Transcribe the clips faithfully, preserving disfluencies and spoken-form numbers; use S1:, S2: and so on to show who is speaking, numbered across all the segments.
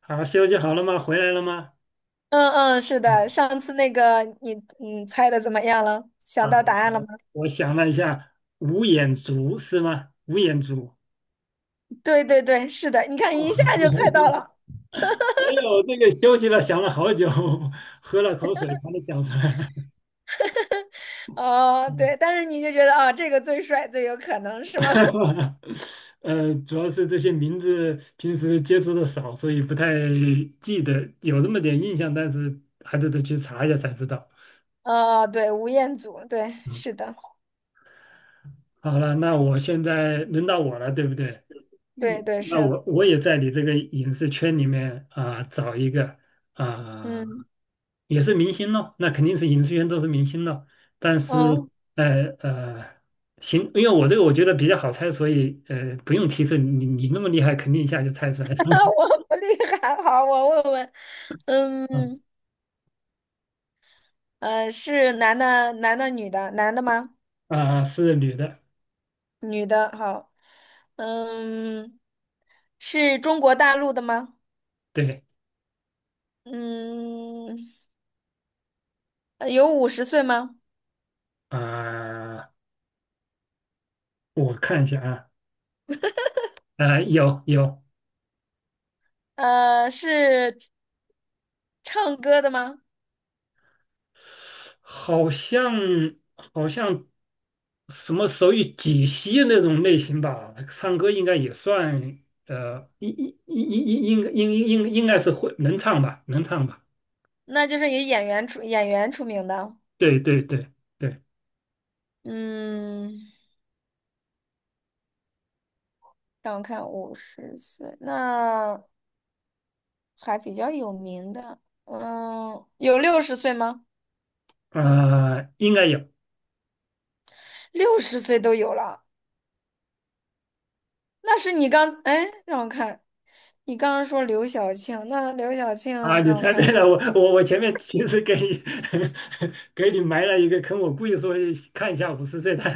S1: 好，休息好了吗？回来了吗？
S2: 嗯嗯，是的，
S1: 嗯
S2: 上次那个你嗯猜的怎么样了？想
S1: 啊，
S2: 到答案了吗？
S1: 我想了一下，五眼族是吗？五眼族，
S2: 对对对，是的，你看一下就猜到 了。
S1: 没有那个休息了，想了好久，喝了口水才能想出来。
S2: 哦，
S1: 嗯
S2: 对，但是你就觉得啊、这个最帅，最有可能是吗？
S1: 呃，主要是这些名字平时接触的少，所以不太记得，有那么点印象，但是还得得去查一下才知道。
S2: 哦，对，吴彦祖，对，是的，
S1: 好了，那我现在轮到我了，对不对？嗯，
S2: 对对
S1: 那
S2: 是，
S1: 我我也在你这个影视圈里面啊、找一个啊、
S2: 嗯
S1: 也是明星咯，那肯定是影视圈都是明星咯。但是
S2: 嗯，
S1: 呃呃，行，因为我这个我觉得比较好猜，所以呃不用提示，你你那么厉害，肯定一下就猜出来了。
S2: 我不厉害，好，我问问，
S1: 嗯
S2: 嗯呃，是男的，男的，女的，男的吗？
S1: 啊、是女的，
S2: 女的，好，嗯，是中国大陆的吗？
S1: 对
S2: 嗯。呃有五十岁吗？
S1: 啊、我看一下啊，呃有有
S2: 呃，是唱歌的吗？
S1: 好像好像什么手语解析那种类型吧，唱歌应该也算，呃，应应应应应应应应该是会能唱吧，能唱吧，
S2: 那就是以演员出演员出名的。
S1: 对对对对，
S2: 嗯，让我看，五十岁，那还比较有名的。嗯，有六十岁吗？
S1: 啊、应该有
S2: 六十岁都有了，那是你刚，哎，让我看，你刚刚说刘晓庆，那刘晓庆，
S1: 啊，你
S2: 让我
S1: 猜对
S2: 看，
S1: 了，我我我前面其实给你 给你埋了一个坑，我故意说看一下五十岁他，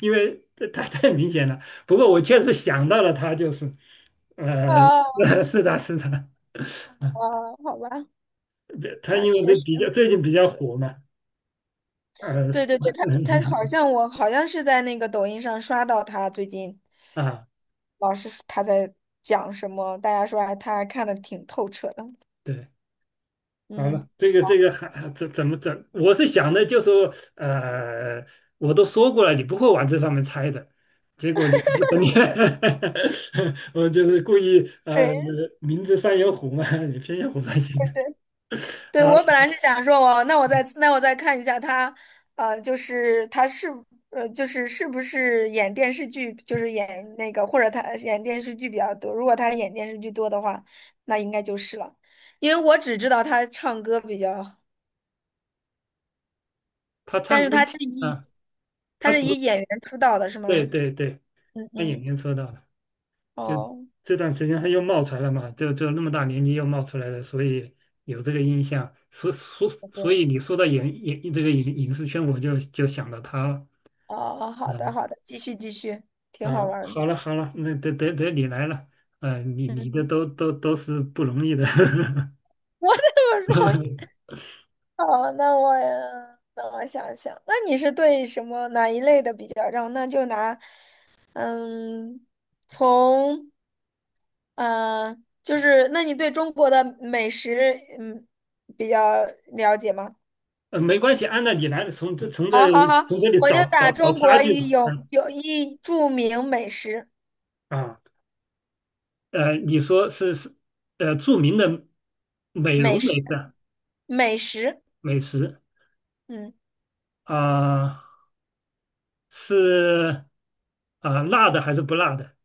S1: 因为他太明显了，不过我确实想到了他就是，呃，
S2: 哦，
S1: 是的是的。
S2: 哦，好吧，
S1: 对，他
S2: 那
S1: 因为
S2: 确
S1: 这
S2: 实。
S1: 比较最近比较火嘛，呃，
S2: 对对对，他他好像我好像是在那个抖音上刷到他最近，
S1: 啊，
S2: 老是说他在讲什么，大家说还他还看的挺透彻的。
S1: 对，好
S2: 嗯，
S1: 了，这个这个还还怎怎么怎，我是想的就说，呃，我都说过了，你不会往这上面猜的，结果你 你，我就是故意呃，
S2: 对
S1: 名字上有虎嘛，你偏要虎山行
S2: 对对，对
S1: 啊，
S2: 我本来是想说我那我再那我再看一下他，呃，就是他是呃就是是不是演电视剧，就是演那个或者他演电视剧比较多。如果他演电视剧多的话，那应该就是了，因为我只知道他唱歌比较，
S1: 他
S2: 但
S1: 唱歌
S2: 是他是一
S1: 啊，
S2: 他
S1: 他
S2: 是
S1: 读
S2: 以演员出道的是
S1: 对
S2: 吗？
S1: 对对，
S2: 嗯
S1: 他演
S2: 嗯，
S1: 员说到了。就
S2: 哦，
S1: 这段时间他又冒出来了嘛，就就那么大年纪又冒出来了，所以有这个印象。所所所
S2: 对，
S1: 以你说到影影这个影影视圈，我就就想到他了。
S2: 哦，好的
S1: 嗯
S2: 好的，继续继续，挺好
S1: 啊，
S2: 玩儿的。
S1: 好了好了，那得得得你来了。嗯，你你的
S2: 嗯，
S1: 都都都是不容易的。
S2: 我怎么容易？好，那我那我想想，那你是对什么哪一类的比较让？那就拿，嗯，从嗯、呃就是那你对中国的美食嗯比较了解吗？
S1: 呃，没关系，按照你来的，从这从这
S2: 好好好，
S1: 从这里
S2: 我
S1: 找
S2: 就
S1: 找
S2: 打
S1: 找
S2: 中
S1: 差
S2: 国
S1: 距
S2: 一
S1: 嘛。
S2: 有
S1: 嗯
S2: 有一著名美食
S1: 啊，呃，你说是是呃著名的美容
S2: 美
S1: 美
S2: 食。
S1: 食
S2: 美食，
S1: 美食
S2: 嗯
S1: 啊。是啊、辣的还是不辣的？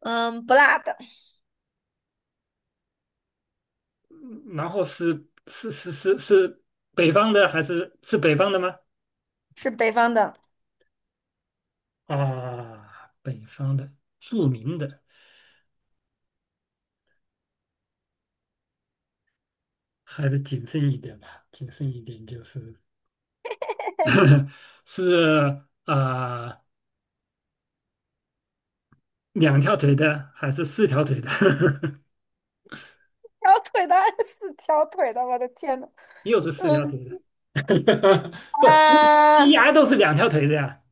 S2: 嗯，不辣的，
S1: 嗯然后是是是是是北方的还是是北方的吗？
S2: 是北方的。
S1: 啊，北方的著名的，还是谨慎一点吧，谨慎一点就是是啊、呃两条腿的还是四条腿的？
S2: 条腿的二是四条腿的，我的天呐，
S1: 又是四
S2: 嗯
S1: 条腿的，不，
S2: 啊，
S1: 鸡鸭都是两条腿的呀。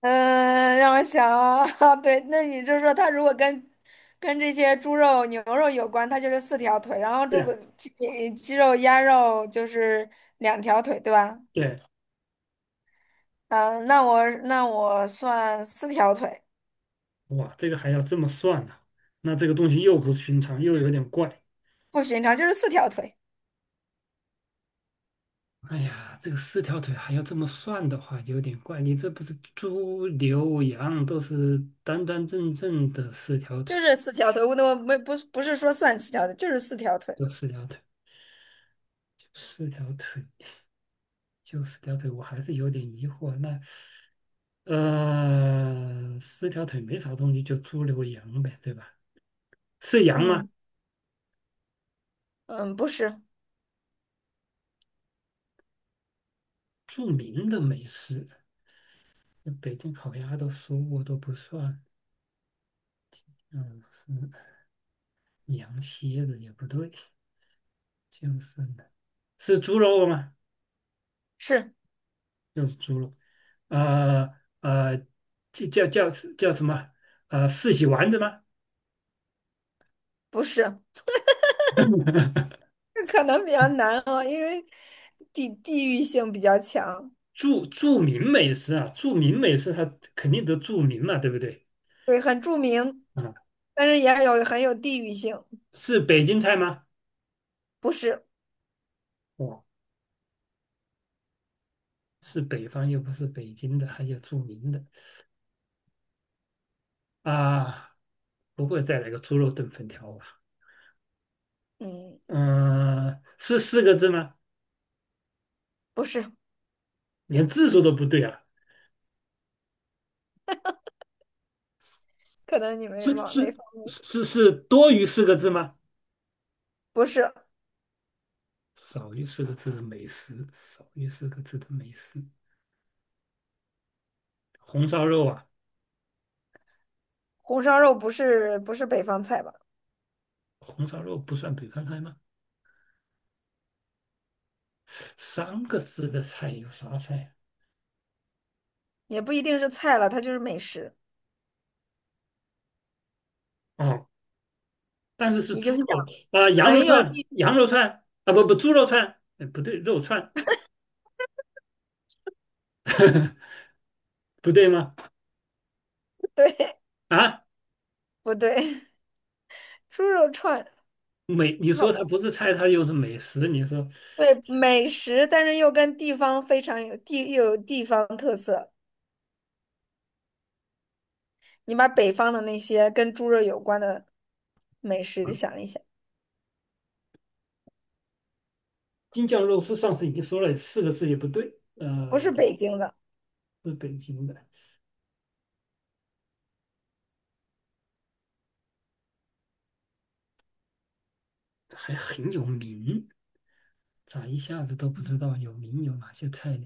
S2: 嗯，让我想啊，对，那你就说它如果跟跟这些猪肉、牛肉有关，它就是四条腿，然后
S1: 对
S2: 猪
S1: 呀，
S2: 鸡鸡肉、鸭肉就是两条腿，对吧？
S1: 对啊，
S2: 嗯，那我那我算四条腿，
S1: 哇，这个还要这么算呢、那这个东西又不寻常，又有点怪。
S2: 不寻常，就是四条腿，
S1: 哎呀，这个四条腿还要这么算的话，有点怪。你这不是猪、牛、羊都是端端正正的四条腿，
S2: 就是四条腿，我我没不不是说算四条腿，就是四条腿，
S1: 就四条腿，就四条腿，就四条腿，我还是有点疑惑。那呃，四条腿没啥东西，就猪、牛、羊呗，对吧？是羊吗？
S2: 嗯。嗯，不是，
S1: 著名的美食，那北京烤鸭都说过都不算，嗯，是羊蝎子也不对，就是呢，是猪肉吗？
S2: 是
S1: 六是猪肉，呃呃，叫叫叫叫什么？呃，四喜丸子吗？
S2: 不是？这可能比较难哦，因为地地域性比较强，
S1: 著著名美食啊，著名美食它肯定得著名嘛，对不对？
S2: 对，很著名，
S1: 啊，
S2: 但是也有很有地域性。
S1: 是北京菜吗？
S2: 不是，
S1: 哦，是北方又不是北京的，还有著名的啊，不会再来个猪肉炖粉条吧？
S2: 嗯，
S1: 嗯、是四个字吗？
S2: 不是，
S1: 连字数都不对啊，
S2: 可能你没
S1: 是
S2: 往那
S1: 是
S2: 方，
S1: 是是是多于四个字吗？
S2: 不是
S1: 少于四个字的美食，少于四个字的美食，红烧肉啊，
S2: 红烧肉，不是不是北方菜吧？
S1: 红烧肉不算北方菜吗？三个字的菜有啥菜
S2: 也不一定是菜了，它就是美食。
S1: 啊？哦，但是是
S2: 你就
S1: 猪
S2: 想，
S1: 肉啊，羊肉
S2: 很有
S1: 串，
S2: 地，
S1: 羊肉串啊，不不，猪肉串，哎不对，肉串，不对吗？
S2: 对，
S1: 啊，
S2: 不对？猪肉串，
S1: 美，你
S2: 好
S1: 说
S2: 吧，
S1: 它不是菜，它又是美食，你说
S2: 对，美食，但是又跟地方非常有地，又有地方特色。你把北方的那些跟猪肉有关的美食想一想，
S1: 京酱肉丝，上次已经说了四个字也不对，
S2: 不是
S1: 呃，
S2: 北京的，
S1: 是北京的，还很有名，咋一下子都不知道有名有哪些菜呢？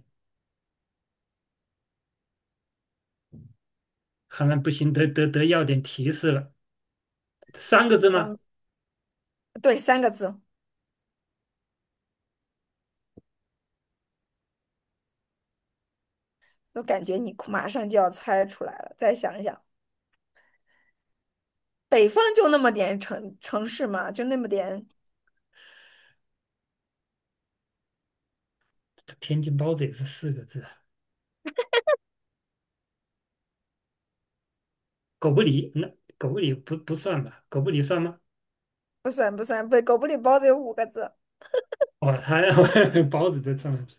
S1: 看来不行，得得得要点提示了。三个字吗？
S2: 嗯，对，三个字，我感觉你快马上就要猜出来了。再想一想，北方就那么点城城市嘛，就那么点，
S1: 天津包子也是四个字啊。狗不理，那狗不理不不算吧？狗不理算吗？
S2: 不算不算，不，狗不理包子有五个字，
S1: 哦，他 包子都算啊，去。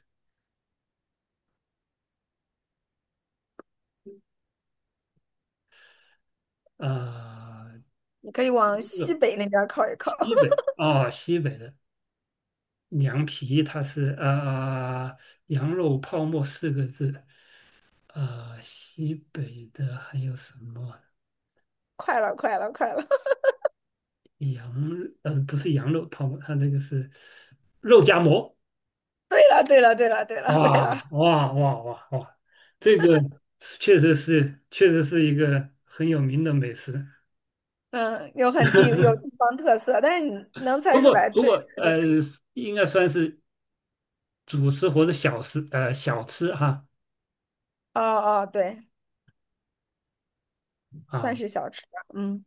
S1: 啊、
S2: 你可以往西北那边靠一靠。
S1: 西 北哦，西北的凉皮，它是啊，羊肉泡馍四个字。啊，西北的还有什么？
S2: 快了，快了，快了！
S1: 羊呃不是羊肉泡馍，它这个是肉夹馍。
S2: 对了，对了，对了，对了，对了，
S1: 哇哇哇哇哇！这个确实是，确实是一个很有名的美食。
S2: 嗯，有很地有地 方特色，但是你能猜
S1: 不
S2: 出
S1: 过，
S2: 来，
S1: 不
S2: 对
S1: 过，
S2: 对
S1: 呃，
S2: 对，
S1: 应该算是主食或者小食，呃，小吃哈。
S2: 哦哦，对，算
S1: 啊，
S2: 是小吃吧，嗯，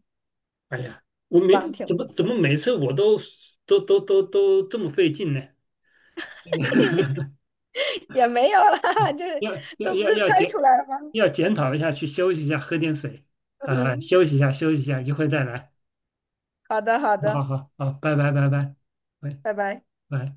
S1: 哎呀，我没
S2: 棒，挺
S1: 怎么
S2: 棒
S1: 怎么每次我都都都都都这么费劲呢？
S2: 也没有啦，就是
S1: 要要
S2: 都不
S1: 要
S2: 是
S1: 要
S2: 猜出
S1: 检
S2: 来的吗？
S1: 要检讨一下，去休息一下，喝点水 啊，
S2: 嗯，
S1: 休息一下，休息一下，一会再来。
S2: 好的，好
S1: 好好
S2: 的，
S1: 好，好，拜拜拜拜，喂。
S2: 拜拜。
S1: 拜。